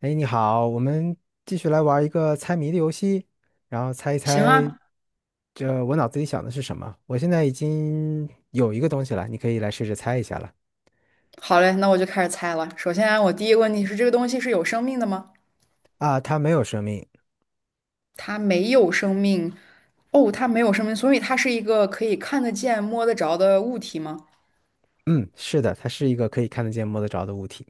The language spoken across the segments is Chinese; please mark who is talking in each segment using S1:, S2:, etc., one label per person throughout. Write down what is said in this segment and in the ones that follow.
S1: 哎，你好，我们继续来玩一个猜谜的游戏，然后猜一
S2: 行啊。
S1: 猜，这我脑子里想的是什么？我现在已经有一个东西了，你可以来试着猜一下了。
S2: 好嘞，那我就开始猜了。首先啊，我第一个问题是，这个东西是有生命的吗？
S1: 啊，它没有生命。
S2: 它没有生命。哦，它没有生命，所以它是一个可以看得见、摸得着的物体吗？
S1: 嗯，是的，它是一个可以看得见、摸得着的物体。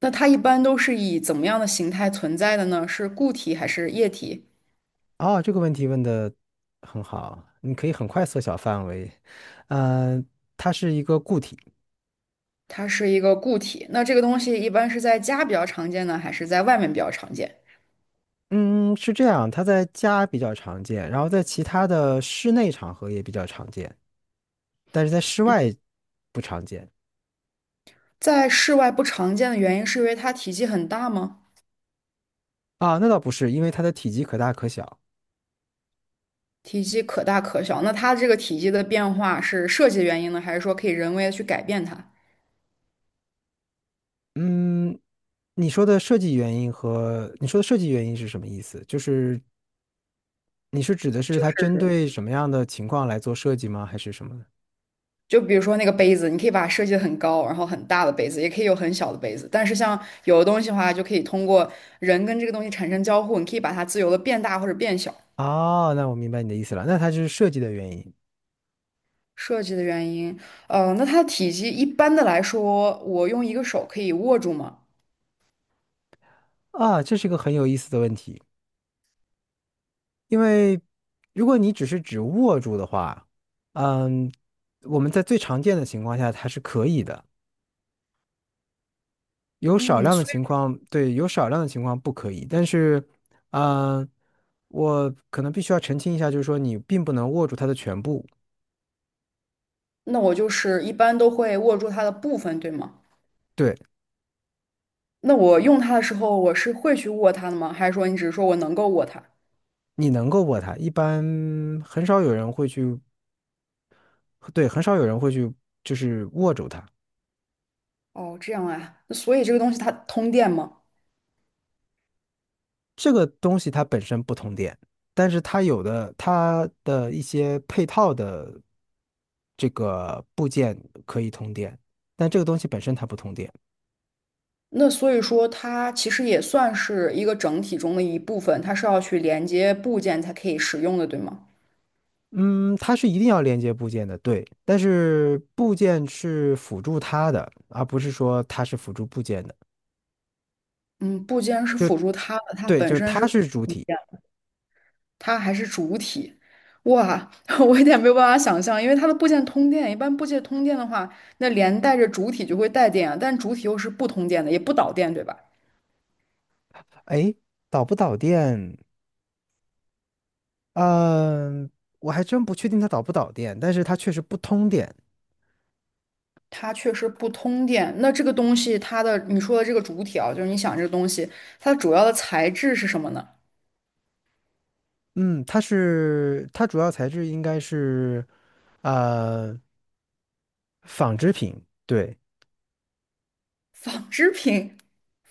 S2: 那它一般都是以怎么样的形态存在的呢？是固体还是液体？
S1: 哦，这个问题问的很好，你可以很快缩小范围。嗯、它是一个固体。
S2: 它是一个固体。那这个东西一般是在家比较常见呢，还是在外面比较常见？
S1: 嗯，是这样，它在家比较常见，然后在其他的室内场合也比较常见，但是在室外不常见。
S2: 在室外不常见的原因是因为它体积很大吗？
S1: 啊，那倒不是，因为它的体积可大可小。
S2: 体积可大可小。那它这个体积的变化是设计原因呢，还是说可以人为的去改变它？
S1: 嗯，你说的设计原因和你说的设计原因是什么意思？就是你是指的是它针
S2: 是，
S1: 对什么样的情况来做设计吗？还是什么呢？
S2: 就比如说那个杯子，你可以把它设计的很高，然后很大的杯子，也可以有很小的杯子。但是像有的东西的话，就可以通过人跟这个东西产生交互，你可以把它自由的变大或者变小。
S1: 哦，那我明白你的意思了，那它就是设计的原因。
S2: 设计的原因，那它的体积一般的来说，我用一个手可以握住吗？
S1: 啊，这是一个很有意思的问题，因为如果你只是指握住的话，嗯，我们在最常见的情况下它是可以的。有少
S2: 嗯，
S1: 量的
S2: 所
S1: 情况，对，有少量的情况不可以，但是，嗯、我可能必须要澄清一下，就是说你并不能握住它的全部，
S2: 以那我就是一般都会握住它的部分，对吗？
S1: 对，
S2: 那我用它的时候，我是会去握它的吗？还是说你只是说我能够握它？
S1: 你能够握它，一般很少有人会去，对，很少有人会去握住它。
S2: 哦，这样啊。那所以这个东西它通电吗？
S1: 这个东西它本身不通电，但是它的一些配套的这个部件可以通电，但这个东西本身它不通电。
S2: 那所以说它其实也算是一个整体中的一部分，它是要去连接部件才可以使用的，对吗？
S1: 嗯，它是一定要连接部件的，对，但是部件是辅助它的，而不是说它是辅助部件的。
S2: 嗯，部件是辅助它的，
S1: 对，就是它是主体。
S2: 它还是主体。哇，我有点没有办法想象，因为它的部件通电，一般部件通电的话，那连带着主体就会带电啊，但主体又是不通电的，也不导电，对吧？
S1: 哎，导不导电？嗯，我还真不确定它导不导电，但是它确实不通电。
S2: 它确实不通电。那这个东西，它的你说的这个主体啊，就是你想这个东西，它的主要的材质是什么呢？
S1: 嗯，它主要材质应该是呃纺织品，对
S2: 纺织品，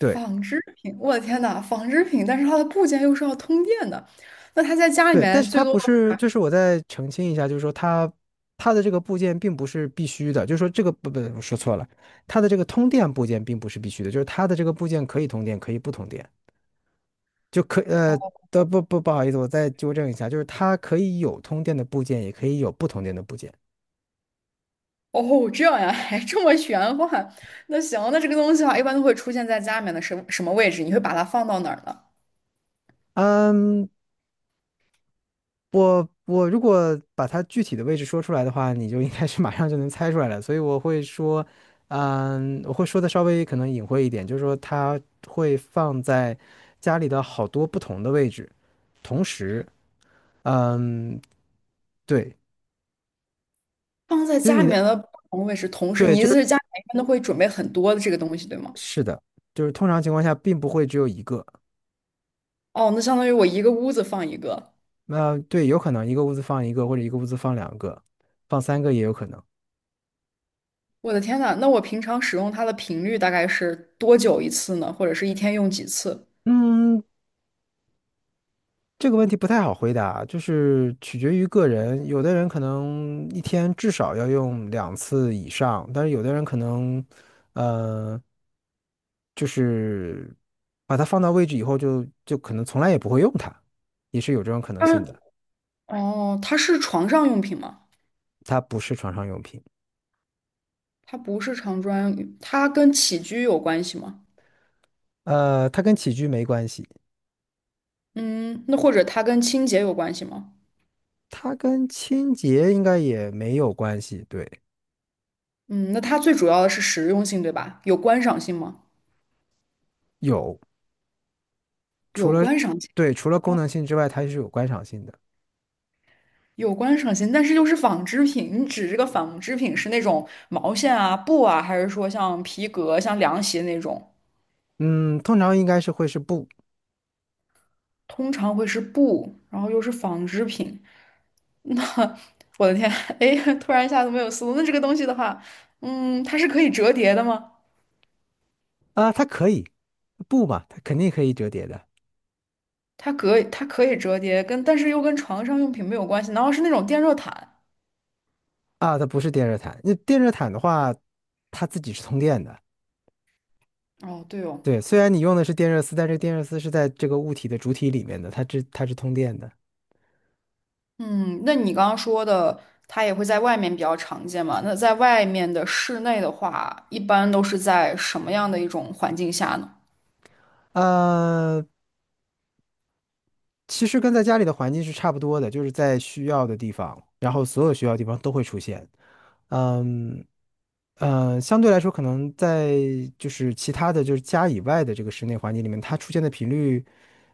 S1: 对。
S2: 织品，我的天呐，纺织品，但是它的部件又是要通电的。那它在家里
S1: 对，但
S2: 面
S1: 是
S2: 最
S1: 它
S2: 多
S1: 不
S2: 的
S1: 是，
S2: 话，
S1: 就是我再澄清一下，就是说它的这个部件并不是必须的，就是说这个不不，我说错了，它的这个通电部件并不是必须的，就是它的这个部件可以通电，可以不通电，就可呃
S2: 哦，
S1: 的不不不好意思，我再纠正一下，就是它可以有通电的部件，也可以有不通电的部件。
S2: 哦这样呀，还这么玄幻。那行，那这个东西的话，一般都会出现在家里面的什么什么位置？你会把它放到哪儿呢？
S1: 嗯，我如果把它具体的位置说出来的话，你就应该是马上就能猜出来了。所以我会说，嗯，我会说的稍微可能隐晦一点，就是说它会放在家里的好多不同的位置，同时，嗯，对，
S2: 放在
S1: 就是
S2: 家
S1: 你
S2: 里
S1: 的，
S2: 面的不同位置，同时
S1: 对，
S2: 你意思是家里面一般都会准备很多的这个东西，对吗？
S1: 是的，就是通常情况下并不会只有一个。
S2: 哦，那相当于我一个屋子放一个，
S1: 对，有可能一个屋子放一个，或者一个屋子放两个，放三个也有可能。
S2: 我的天呐，那我平常使用它的频率大概是多久一次呢？或者是一天用几次？
S1: 嗯，这个问题不太好回答，就是取决于个人。有的人可能一天至少要用两次以上，但是有的人可能，呃，就是把它放到位置以后就，就可能从来也不会用它，也是有这种可能
S2: 它
S1: 性的。
S2: 哦，它是床上用品吗？
S1: 它不是床上用品，
S2: 它不是床专用品它跟起居有关系吗？
S1: 它跟起居没关系，
S2: 嗯，那或者它跟清洁有关系吗？
S1: 它跟清洁应该也没有关系。对，
S2: 嗯，那它最主要的是实用性，对吧？有观赏性吗？
S1: 有，除
S2: 有
S1: 了
S2: 观赏性。
S1: 对除了功
S2: 哦，
S1: 能性之外，它是有观赏性的。
S2: 有观赏性，但是又是纺织品。你指这个纺织品是那种毛线啊、布啊，还是说像皮革、像凉席那种？
S1: 嗯，通常应该是会是布。
S2: 通常会是布，然后又是纺织品。那我的天，哎，突然一下子没有思路。那这个东西的话，嗯，它是可以折叠的吗？
S1: 啊，它可以，不嘛，它肯定可以折叠的。
S2: 它可以折叠，但是又跟床上用品没有关系。难道是那种电热毯？
S1: 啊，它不是电热毯。那电热毯的话，它自己是通电的。
S2: 哦，对哦。
S1: 对，虽然你用的是电热丝，但这个电热丝是在这个物体的主体里面的，它是通电的。
S2: 嗯，那你刚刚说的，它也会在外面比较常见嘛？那在外面的室内的话，一般都是在什么样的一种环境下呢？
S1: 呃，其实跟在家里的环境是差不多的，就是在需要的地方，然后所有需要的地方都会出现。嗯相对来说，可能在其他的就是家以外的这个室内环境里面，它出现的频率，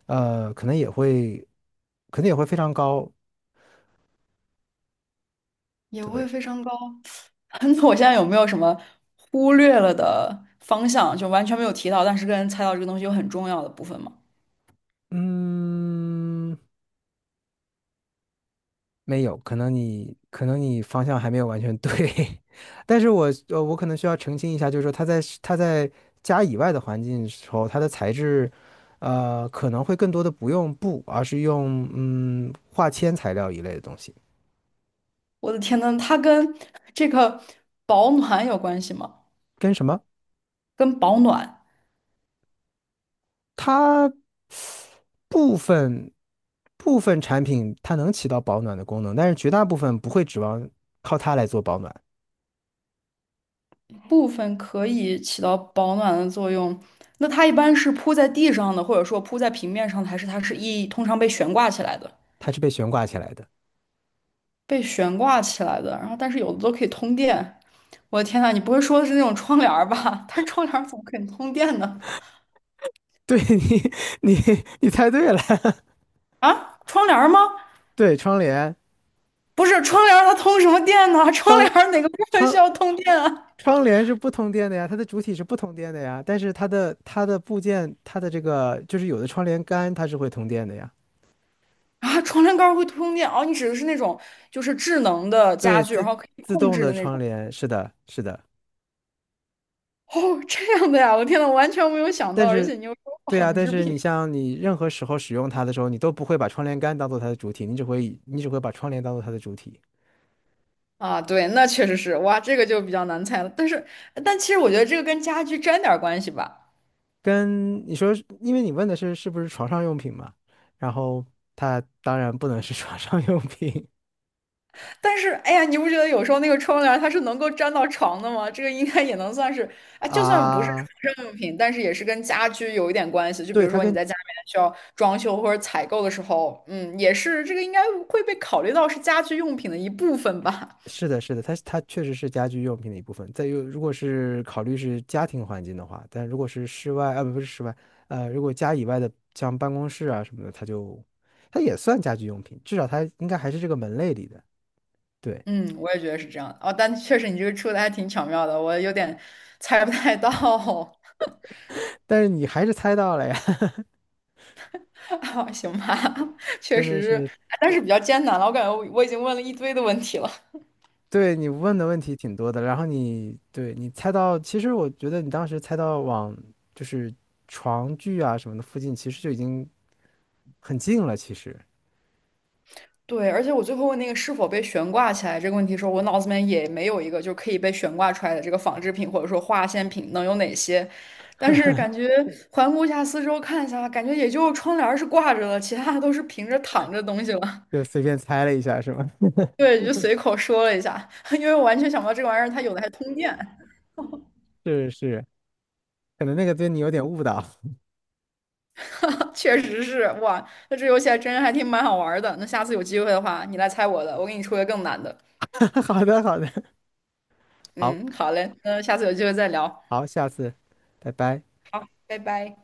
S1: 可能也会，可能也会非常高。
S2: 也会
S1: 对，
S2: 非常高。那我现在有没有什么忽略了的方向，就完全没有提到，但是跟猜到这个东西又很重要的部分吗？
S1: 嗯，没有，可能你方向还没有完全对，但是我可能需要澄清一下，就是说它在家以外的环境的时候，它的材质，可能会更多的不用布，而是用化纤材料一类的东西，
S2: 我的天呐，它跟这个保暖有关系吗？
S1: 跟什么？
S2: 跟保暖
S1: 它部分部分产品它能起到保暖的功能，但是绝大部分不会指望靠它来做保暖，
S2: 部分可以起到保暖的作用。那它一般是铺在地上的，或者说铺在平面上的，还是它是通常被悬挂起来的？
S1: 它是被悬挂起来的。
S2: 被悬挂起来的，然后但是有的都可以通电。我的天呐，你不会说的是那种窗帘儿吧？它窗帘儿怎么可以通电呢？
S1: 对 你，你你猜对了，
S2: 啊，窗帘儿吗？
S1: 对窗帘，
S2: 不是，窗帘儿它通什么电呢？窗
S1: 窗
S2: 帘儿哪个部分需
S1: 窗
S2: 要通电啊？
S1: 窗帘是不通电的呀，它的主体是不通电的呀，但是它的部件，它的这个有的窗帘杆它是会通电的呀，
S2: 啊，床帘杆会通电哦，你指的是那种就是智能的家
S1: 对，
S2: 具，然后可以
S1: 自
S2: 控
S1: 动
S2: 制
S1: 的
S2: 的那
S1: 窗
S2: 种。
S1: 帘，是的，是的，
S2: 哦，这样的呀，我天呐，我完全没有想到，
S1: 但
S2: 而
S1: 是
S2: 且你又说
S1: 对呀，
S2: 纺
S1: 但
S2: 织
S1: 是
S2: 品
S1: 你像你任何时候使用它的时候，你都不会把窗帘杆当做它的主体，你只会把窗帘当做它的主体，
S2: 啊，对，那确实是，哇，这个就比较难猜了。但是，但其实我觉得这个跟家具沾点儿关系吧，
S1: 跟你说，因为你问的是是不是床上用品嘛，然后它当然不能是 床上用品。
S2: 但是，哎呀，你不觉得有时候那个窗帘它是能够粘到床的吗？这个应该也能算是，啊，就算不是
S1: 啊，
S2: 床上用品，但是也是跟家居有一点关系。就比
S1: 对，
S2: 如说你在家里面需要装修或者采购的时候，嗯，也是这个应该会被考虑到是家居用品的一部分吧。
S1: 是的，是的，它确实是家居用品的一部分。再有，如果是考虑是家庭环境的话，但如果是室外，啊，不是室外，如果家以外的，像办公室啊什么的，它也算家居用品，至少它应该还是这个门类里的。对，
S2: 嗯，我也觉得是这样的。哦，但确实你这个出的还挺巧妙的，我有点猜不太到。
S1: 但是你还是猜到了呀。
S2: 哈，行吧，确实，哎但是比较艰难了。我感觉我已经问了一堆的问题了。
S1: 对，你问的问题挺多的，然后你对你猜到，其实我觉得你当时猜到往就是床具啊什么的附近，其实就已经很近了，其实
S2: 对，而且我最后问那个是否被悬挂起来这个问题的时候，我脑子里面也没有一个就可以被悬挂出来的这个纺织品或者说化纤品能有哪些。但是感觉环顾一下四周看一下，感觉也就窗帘儿是挂着的，其他的都是平着躺着的东西了。
S1: 就随便猜了一下，是吗？
S2: 对，就随口说了一下，因为我完全想不到这个玩意儿它有的还通电，
S1: 是是，可能那个对你有点误导。
S2: 确实是哇，那这游戏还真还挺蛮好玩儿的。那下次有机会的话，你来猜我的，我给你出个更难的。
S1: 好的，好的，好
S2: 嗯，好嘞，那下次有机会再聊，
S1: 好，下次，拜拜。
S2: 拜拜。